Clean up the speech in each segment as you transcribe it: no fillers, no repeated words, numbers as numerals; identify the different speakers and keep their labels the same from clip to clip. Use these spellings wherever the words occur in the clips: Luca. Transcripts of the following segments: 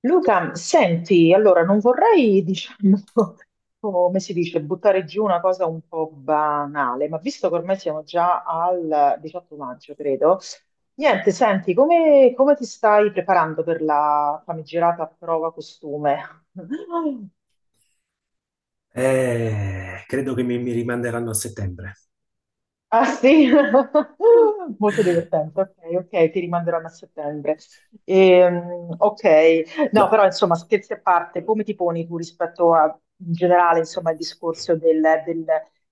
Speaker 1: Luca, senti, allora non vorrei, diciamo, come si dice, buttare giù una cosa un po' banale, ma visto che ormai siamo già al 18 maggio, credo, niente, senti, come ti stai preparando per la famigerata prova costume?
Speaker 2: Credo che mi rimanderanno a settembre.
Speaker 1: Ah sì, molto divertente, ok, ok, ti rimanderanno a settembre. Ok, no,
Speaker 2: No,
Speaker 1: però insomma, scherzi a parte, come ti poni tu rispetto a, in generale, insomma, il discorso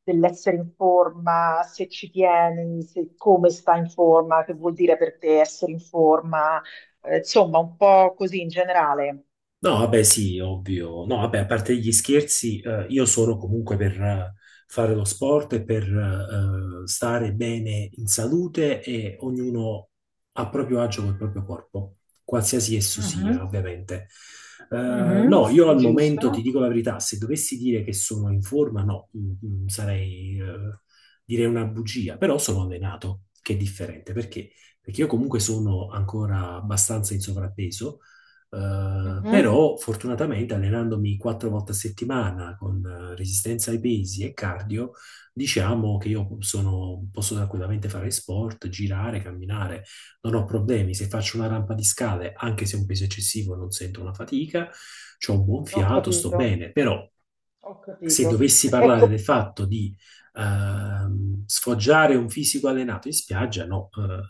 Speaker 1: dell'essere in forma, se ci tieni, come sta in forma, che vuol dire per te essere in forma, insomma, un po' così in generale.
Speaker 2: no, vabbè, sì, ovvio. No, vabbè, a parte gli scherzi, io sono comunque per fare lo sport e per stare bene in salute e ognuno a proprio agio col proprio corpo, qualsiasi esso sia,
Speaker 1: Mhm,
Speaker 2: ovviamente.
Speaker 1: mhm,
Speaker 2: No, io
Speaker 1: sì,
Speaker 2: al momento ti
Speaker 1: giusto.
Speaker 2: dico la verità. Se dovessi dire che sono in forma, no, direi una bugia, però sono allenato, che è differente. Perché? Perché io comunque sono ancora abbastanza in sovrappeso,
Speaker 1: Mhm,
Speaker 2: però fortunatamente allenandomi quattro volte a settimana con resistenza ai pesi e cardio, diciamo che posso tranquillamente fare sport, girare, camminare, non ho problemi. Se faccio una rampa di scale, anche se è un peso eccessivo, non sento una fatica, ho un buon
Speaker 1: ho
Speaker 2: fiato, sto
Speaker 1: capito,
Speaker 2: bene. Però
Speaker 1: ho
Speaker 2: se
Speaker 1: capito.
Speaker 2: dovessi parlare del
Speaker 1: Ecco,
Speaker 2: fatto di sfoggiare un fisico allenato in spiaggia, no.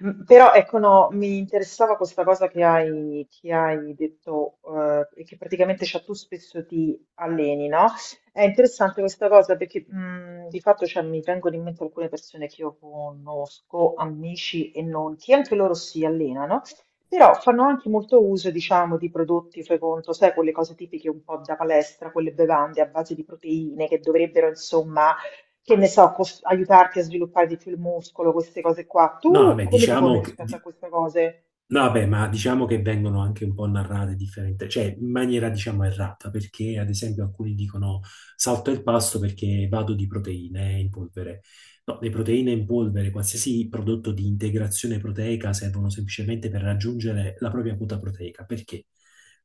Speaker 1: Però ecco, no, mi interessava questa cosa che hai detto, e che praticamente, cioè, tu spesso ti alleni, no? È interessante questa cosa perché, di fatto, cioè, mi vengono in mente alcune persone che io conosco, amici e non, che anche loro si allenano, però fanno anche molto uso, diciamo, di prodotti, fai conto, sai, quelle cose tipiche un po' da palestra, quelle bevande a base di proteine che dovrebbero, insomma, che ne so, aiutarti a sviluppare di più il muscolo, queste cose qua.
Speaker 2: no,
Speaker 1: Tu
Speaker 2: vabbè,
Speaker 1: come ti poni
Speaker 2: diciamo che,
Speaker 1: rispetto a
Speaker 2: di-
Speaker 1: queste cose?
Speaker 2: No, vabbè, ma diciamo che vengono anche un po' narrate differenti, cioè in maniera diciamo errata, perché ad esempio alcuni dicono: salto il pasto perché vado di proteine in polvere. No, le proteine in polvere, qualsiasi prodotto di integrazione proteica, servono semplicemente per raggiungere la propria quota proteica, perché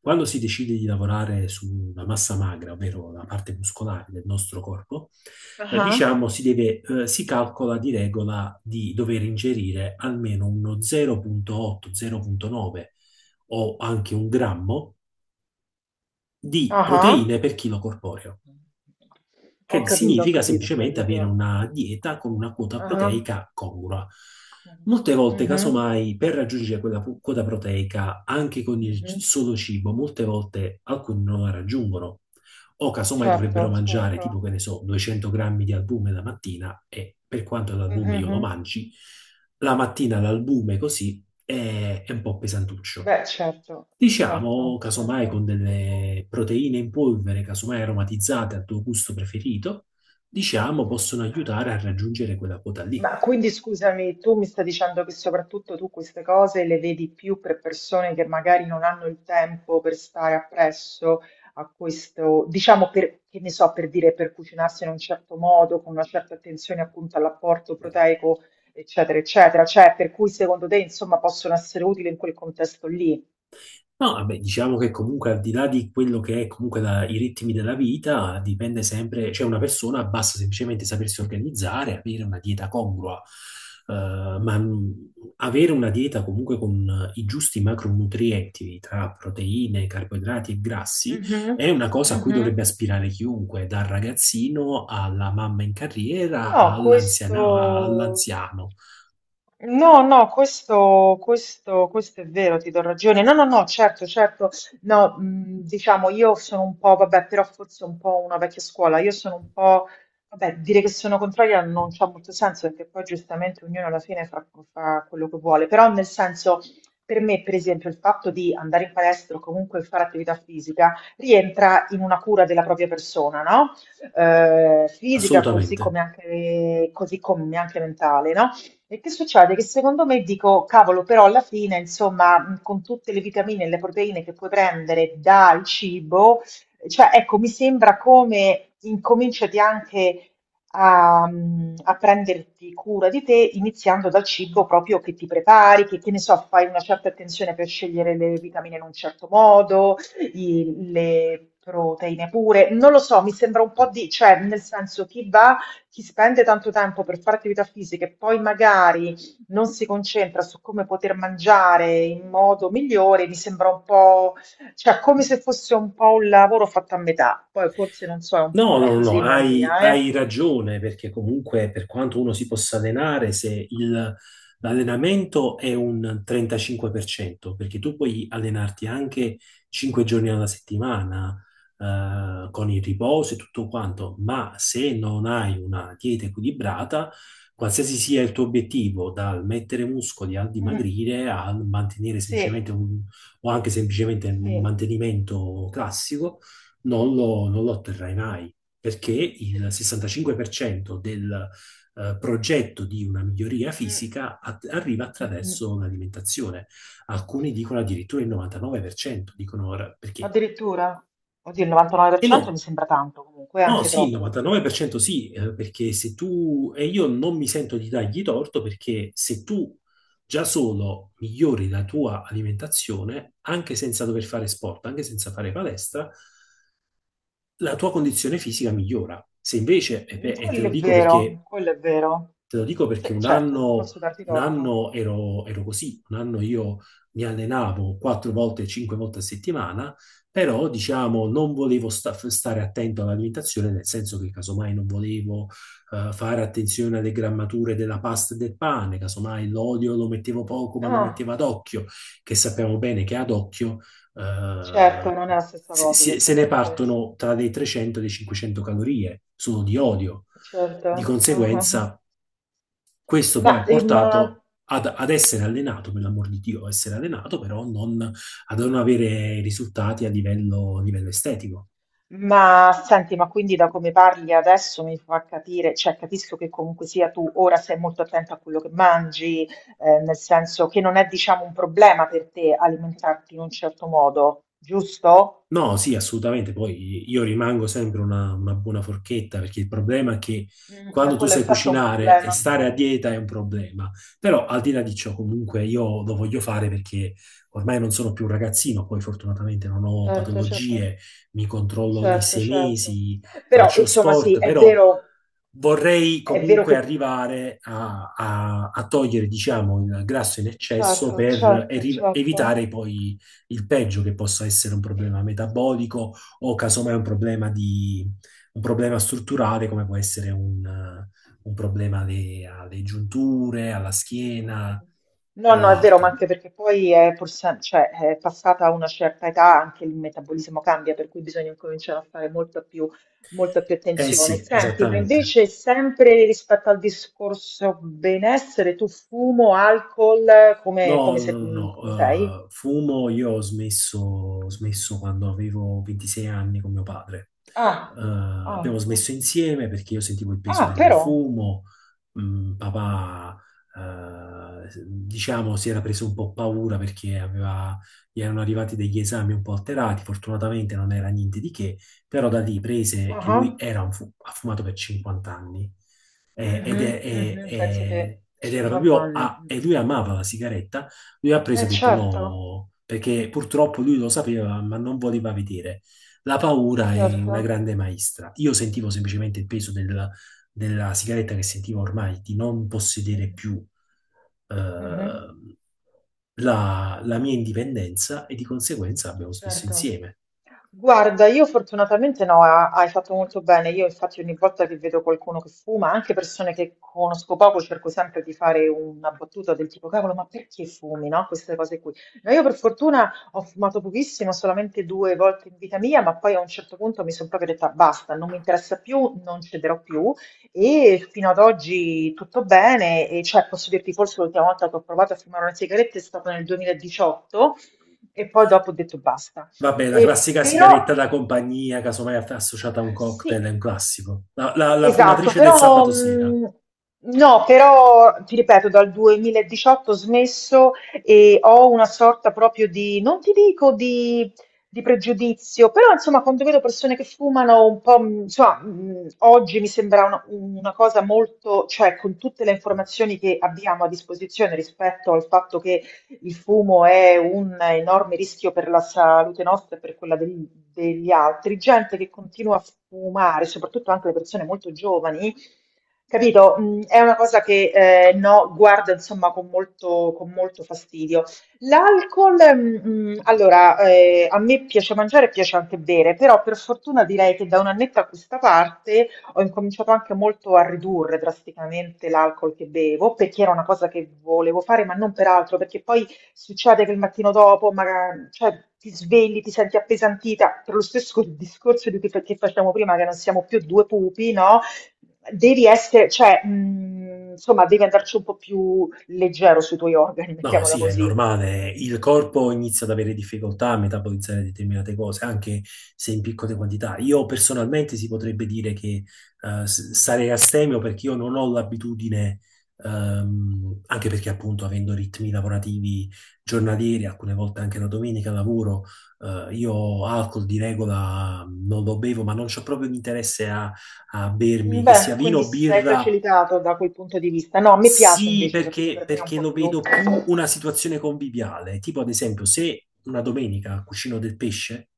Speaker 2: quando si decide di lavorare sulla massa magra, ovvero la parte muscolare del nostro corpo,
Speaker 1: Ah,
Speaker 2: diciamo si calcola di regola di dover ingerire almeno uno 0,8, 0,9 o anche un grammo di
Speaker 1: ah,
Speaker 2: proteine per chilo corporeo,
Speaker 1: ho
Speaker 2: che
Speaker 1: capito, ho
Speaker 2: significa
Speaker 1: capito, ho
Speaker 2: semplicemente
Speaker 1: capito.
Speaker 2: avere una dieta con una quota
Speaker 1: Ah.
Speaker 2: proteica congrua. Molte volte,
Speaker 1: Mhm,
Speaker 2: casomai, per raggiungere quella quota proteica anche con il
Speaker 1: mhm.
Speaker 2: solo cibo, molte volte alcuni non la raggiungono. O casomai dovrebbero
Speaker 1: Certo,
Speaker 2: mangiare, tipo,
Speaker 1: certo.
Speaker 2: che ne so, 200 grammi di albume la mattina, e per quanto
Speaker 1: Mhm,
Speaker 2: l'albume io lo
Speaker 1: mhm.
Speaker 2: mangi, la mattina l'albume così è un po' pesantuccio.
Speaker 1: Beh, certo,
Speaker 2: Diciamo,
Speaker 1: certo,
Speaker 2: casomai
Speaker 1: certo.
Speaker 2: con delle proteine in polvere, casomai aromatizzate al tuo gusto preferito, diciamo, possono aiutare a raggiungere quella quota lì.
Speaker 1: Ma quindi scusami, tu mi stai dicendo che soprattutto tu queste cose le vedi più per persone che magari non hanno il tempo per stare appresso a questo, diciamo per, che ne so, per dire, per cucinarsi in un certo modo, con una certa attenzione appunto all'apporto proteico, eccetera, eccetera. Cioè, per cui secondo te, insomma, possono essere utili in quel contesto lì?
Speaker 2: No, vabbè, diciamo che comunque, al di là di quello che è comunque i ritmi della vita, dipende sempre. Cioè, una persona basta semplicemente sapersi organizzare, avere una dieta congrua, eh, ma mh, avere una dieta comunque con i giusti macronutrienti tra proteine, carboidrati e grassi
Speaker 1: Mhm,
Speaker 2: è una cosa a cui
Speaker 1: mhm.
Speaker 2: dovrebbe aspirare chiunque, dal ragazzino alla mamma in carriera
Speaker 1: No, questo.
Speaker 2: all'anziano.
Speaker 1: No, no, questo è vero, ti do ragione. No, no, no, certo, certo. No, diciamo, io sono un po', vabbè, però forse un po' una vecchia scuola. Io sono un po', vabbè, dire che sono contraria non c'ha molto senso perché poi giustamente ognuno alla fine fa quello che vuole. Però nel senso, per me, per esempio, il fatto di andare in palestra o comunque fare attività fisica rientra in una cura della propria persona, no? Eh, fisica, così
Speaker 2: Assolutamente.
Speaker 1: come anche, così come anche mentale, no? E che succede? Che secondo me dico, cavolo, però alla fine, insomma, con tutte le vitamine e le proteine che puoi prendere dal cibo, cioè, ecco, mi sembra come incominciati anche a prenderti cura di te, iniziando dal cibo proprio che ti prepari, che ne so, fai una certa attenzione per scegliere le vitamine in un certo modo, le proteine pure, non lo so, mi sembra un po' di, cioè, nel senso, chi va, chi spende tanto tempo per fare attività fisica e poi magari non si concentra su come poter mangiare in modo migliore, mi sembra un po', cioè, come se fosse un po' un lavoro fatto a metà. Poi forse, non so, è un po'
Speaker 2: No,
Speaker 1: una
Speaker 2: no, no, no,
Speaker 1: fisima
Speaker 2: hai,
Speaker 1: mia, eh?
Speaker 2: hai ragione, perché comunque, per quanto uno si possa allenare, se l'allenamento è un 35%, perché tu puoi allenarti anche 5 giorni alla settimana, con il riposo e tutto quanto, ma se non hai una dieta equilibrata, qualsiasi sia il tuo obiettivo, dal mettere muscoli al
Speaker 1: Mm,
Speaker 2: dimagrire, al mantenere
Speaker 1: sì,
Speaker 2: semplicemente un, o anche semplicemente un
Speaker 1: sì,
Speaker 2: mantenimento classico, non lo otterrai mai, perché il 65% del progetto di una miglioria
Speaker 1: mm,
Speaker 2: fisica arriva
Speaker 1: mm, mm.
Speaker 2: attraverso l'alimentazione. Alcuni dicono addirittura il 99%, dicono ora perché.
Speaker 1: Addirittura. Oddio, il
Speaker 2: E no,
Speaker 1: 99% mi sembra tanto comunque,
Speaker 2: no,
Speaker 1: anche
Speaker 2: sì, il
Speaker 1: troppo forse.
Speaker 2: 99%, sì, perché se tu, e io non mi sento di dargli torto, perché se tu già solo migliori la tua alimentazione, anche senza dover fare sport, anche senza fare palestra, la tua condizione fisica migliora. Se invece,
Speaker 1: Mm,
Speaker 2: e te
Speaker 1: quello
Speaker 2: lo
Speaker 1: è
Speaker 2: dico perché...
Speaker 1: vero, quello è vero.
Speaker 2: Te lo dico
Speaker 1: Sì,
Speaker 2: perché un
Speaker 1: certo, non
Speaker 2: anno,
Speaker 1: posso darti torto.
Speaker 2: ero così, un anno io mi allenavo quattro volte, cinque volte a settimana, però diciamo non volevo stare attento all'alimentazione, nel senso che casomai non volevo fare attenzione alle grammature della pasta e del pane, casomai l'olio lo mettevo poco ma lo
Speaker 1: Ah,
Speaker 2: mettevo ad occhio, che sappiamo bene che ad occhio eh,
Speaker 1: certo, non è la stessa cosa
Speaker 2: se ne
Speaker 1: esattamente.
Speaker 2: partono tra le 300 e le 500 calorie solo di olio.
Speaker 1: Certo.
Speaker 2: Di
Speaker 1: Ah, ah, ah.
Speaker 2: conseguenza, questo
Speaker 1: Ma,
Speaker 2: poi ha
Speaker 1: eh, ma-
Speaker 2: portato ad essere allenato, per l'amor di Dio, essere allenato, però non, a non avere risultati a livello, estetico.
Speaker 1: ma senti, ma quindi da come parli adesso mi fa capire, cioè capisco che comunque sia tu ora sei molto attenta a quello che mangi, nel senso che non è, diciamo, un problema per te alimentarti in un certo modo, giusto?
Speaker 2: No, sì, assolutamente. Poi io rimango sempre una buona forchetta, perché il problema è che
Speaker 1: Mm,
Speaker 2: quando tu
Speaker 1: quello
Speaker 2: sai
Speaker 1: infatti è un
Speaker 2: cucinare e
Speaker 1: problema.
Speaker 2: stare a dieta è un problema. Però, al di là di ciò, comunque io lo voglio fare perché ormai non sono più un ragazzino, poi fortunatamente non ho
Speaker 1: Certo, certo.
Speaker 2: patologie, mi controllo ogni
Speaker 1: Certo,
Speaker 2: sei
Speaker 1: certo.
Speaker 2: mesi,
Speaker 1: Però,
Speaker 2: faccio
Speaker 1: insomma, sì,
Speaker 2: sport, però vorrei
Speaker 1: è vero
Speaker 2: comunque
Speaker 1: che.
Speaker 2: arrivare a togliere, diciamo, il grasso in eccesso
Speaker 1: Certo,
Speaker 2: per
Speaker 1: certo, certo.
Speaker 2: evitare poi il peggio, che possa essere un problema metabolico o casomai un problema strutturale, come può essere un problema alle giunture, alla schiena
Speaker 1: No, no,
Speaker 2: o
Speaker 1: è vero, ma
Speaker 2: altro.
Speaker 1: anche perché poi è, cioè, è passata una certa età, anche il metabolismo cambia, per cui bisogna cominciare a fare molta più
Speaker 2: Eh
Speaker 1: attenzione.
Speaker 2: sì,
Speaker 1: Senti, ma
Speaker 2: esattamente.
Speaker 1: invece sempre rispetto al discorso benessere, tu fumo, alcol, come,
Speaker 2: No,
Speaker 1: come,
Speaker 2: no,
Speaker 1: se-
Speaker 2: no, no,
Speaker 1: come sei?
Speaker 2: no. Fumo, io ho smesso quando avevo 26 anni con mio padre.
Speaker 1: Ah, ah,
Speaker 2: Abbiamo
Speaker 1: ah,
Speaker 2: smesso insieme perché io sentivo il peso
Speaker 1: ah,
Speaker 2: del
Speaker 1: però.
Speaker 2: fumo. Papà, diciamo, si era preso un po' paura perché gli erano arrivati degli esami un po' alterati, fortunatamente non era niente di che, però da lì prese,
Speaker 1: Ah,
Speaker 2: che
Speaker 1: ah.
Speaker 2: lui era un ha fumato per 50 anni. Ed,
Speaker 1: Mhm, mhm, penso
Speaker 2: è-
Speaker 1: che
Speaker 2: Ed era
Speaker 1: 50
Speaker 2: proprio
Speaker 1: anni. Mm.
Speaker 2: e lui amava la sigaretta. Lui ha preso
Speaker 1: Eh
Speaker 2: e ha detto
Speaker 1: certo,
Speaker 2: no, perché purtroppo lui lo sapeva, ma non voleva vedere. La paura è
Speaker 1: certo.
Speaker 2: una grande maestra. Io sentivo semplicemente il peso della sigaretta, che sentivo ormai di non possedere
Speaker 1: Mhm,
Speaker 2: più, eh,
Speaker 1: mhm,
Speaker 2: la mia indipendenza, e di conseguenza abbiamo smesso
Speaker 1: certo.
Speaker 2: insieme.
Speaker 1: Guarda, io fortunatamente no, hai fatto molto bene. Io infatti ogni volta che vedo qualcuno che fuma, anche persone che conosco poco, cerco sempre di fare una battuta del tipo, cavolo, ma perché fumi, no? Queste cose qui. No, io per fortuna ho fumato pochissimo, solamente due volte in vita mia, ma poi a un certo punto mi sono proprio detta basta, non mi interessa più, non cederò più e fino ad oggi tutto bene. E cioè, posso dirti, forse l'ultima volta che ho provato a fumare una sigaretta è stata nel 2018 e poi dopo ho detto basta.
Speaker 2: Vabbè, la
Speaker 1: E
Speaker 2: classica
Speaker 1: però
Speaker 2: sigaretta da compagnia, casomai associata a un cocktail, è
Speaker 1: sì,
Speaker 2: un classico. La
Speaker 1: esatto,
Speaker 2: fumatrice del
Speaker 1: però
Speaker 2: sabato sera.
Speaker 1: no, però ti ripeto, dal 2018 ho smesso e ho una sorta proprio di, non ti dico di pregiudizio, però insomma quando vedo persone che fumano un po', insomma, oggi mi sembra una cosa molto, cioè con tutte le informazioni che abbiamo a disposizione rispetto al fatto che il fumo è un enorme rischio per la salute nostra e per quella degli altri. Gente che continua a fumare, soprattutto anche le persone molto giovani, capito? Mm, è una cosa che, no, guarda, insomma, con molto fastidio. L'alcol, mm, mm, allora, a me piace mangiare e piace anche bere, però per fortuna direi che da un annetto a questa parte ho incominciato anche molto a ridurre drasticamente l'alcol che bevo, perché era una cosa che volevo fare, ma non per altro, perché poi succede che il mattino dopo, magari, cioè, ti svegli, ti senti appesantita, per lo stesso discorso di cui che facciamo prima, che non siamo più due pupi, no? Devi essere, cioè, insomma, devi andarci un po' più leggero sui tuoi organi,
Speaker 2: No,
Speaker 1: mettiamola
Speaker 2: sì, è
Speaker 1: così.
Speaker 2: normale. Il corpo inizia ad avere difficoltà a metabolizzare determinate cose, anche se in piccole quantità. Io personalmente si potrebbe dire che sarei astemio perché io non ho l'abitudine, anche perché, appunto, avendo ritmi lavorativi giornalieri, alcune volte anche la domenica lavoro, io alcol di regola non lo bevo, ma non c'ho proprio l'interesse a bermi, che sia
Speaker 1: Beh,
Speaker 2: vino
Speaker 1: quindi
Speaker 2: o
Speaker 1: sei
Speaker 2: birra.
Speaker 1: facilitato da quel punto di vista. No, mi piace
Speaker 2: Sì,
Speaker 1: invece, capito?
Speaker 2: perché,
Speaker 1: Per me è un
Speaker 2: perché
Speaker 1: po'
Speaker 2: lo
Speaker 1: più.
Speaker 2: vedo più una situazione conviviale, tipo ad esempio, se una domenica cucino del pesce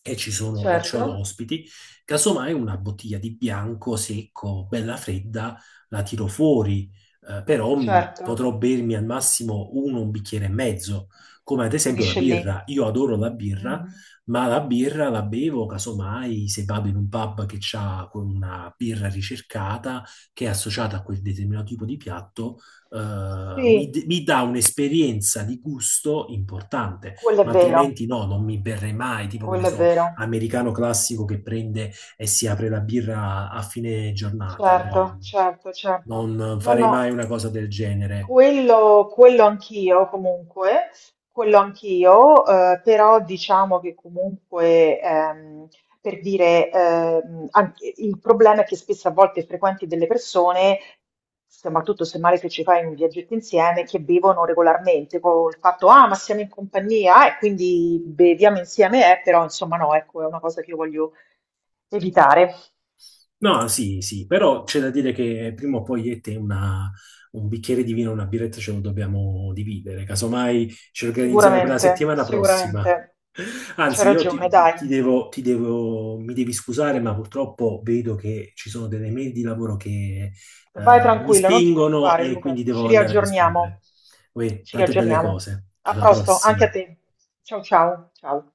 Speaker 2: e ci sono e
Speaker 1: Certo,
Speaker 2: c'ho ospiti, casomai una bottiglia di bianco secco, bella fredda, la tiro fuori, però
Speaker 1: certo,
Speaker 2: potrò bermi al massimo un bicchiere e mezzo, come ad esempio la
Speaker 1: finisce lì.
Speaker 2: birra. Io adoro la birra,
Speaker 1: Mhm.
Speaker 2: ma la birra la bevo casomai se vado in un pub che ha una birra ricercata, che è associata a quel determinato tipo di piatto,
Speaker 1: Sì,
Speaker 2: mi dà un'esperienza di gusto importante,
Speaker 1: quello è
Speaker 2: ma
Speaker 1: vero,
Speaker 2: altrimenti no, non mi berrei mai, tipo, che ne
Speaker 1: quello è
Speaker 2: so,
Speaker 1: vero.
Speaker 2: americano classico che prende e si apre la birra a fine giornata,
Speaker 1: Certo,
Speaker 2: no?
Speaker 1: certo, certo.
Speaker 2: Non
Speaker 1: No,
Speaker 2: farei mai
Speaker 1: no,
Speaker 2: una cosa del genere.
Speaker 1: quello anch'io comunque, quello anch'io, però diciamo che comunque, per dire, il problema è che spesso a volte frequenti delle persone, soprattutto se male che ci fai un viaggetto insieme, che bevono regolarmente, con il fatto, "ah, ma siamo in compagnia, e quindi beviamo insieme, però insomma no, ecco, è una cosa che io voglio evitare.
Speaker 2: No, sì, sì, però c'è da dire che prima o poi io e te un bicchiere di vino, una birretta ce lo dobbiamo dividere, casomai ci organizziamo per la
Speaker 1: Sicuramente,
Speaker 2: settimana prossima.
Speaker 1: sicuramente. C'hai
Speaker 2: Anzi, io
Speaker 1: ragione,
Speaker 2: ti,
Speaker 1: dai.
Speaker 2: ti devo- mi devi scusare, ma purtroppo vedo che ci sono delle mail di lavoro che
Speaker 1: Vai
Speaker 2: mi
Speaker 1: tranquilla, non ti
Speaker 2: spingono
Speaker 1: preoccupare,
Speaker 2: e quindi
Speaker 1: Luca. Ci
Speaker 2: devo andare a rispondere.
Speaker 1: riaggiorniamo.
Speaker 2: Uè,
Speaker 1: Ci
Speaker 2: tante belle
Speaker 1: riaggiorniamo.
Speaker 2: cose.
Speaker 1: A
Speaker 2: Alla
Speaker 1: presto, anche a
Speaker 2: prossima.
Speaker 1: te. Ciao ciao, ciao.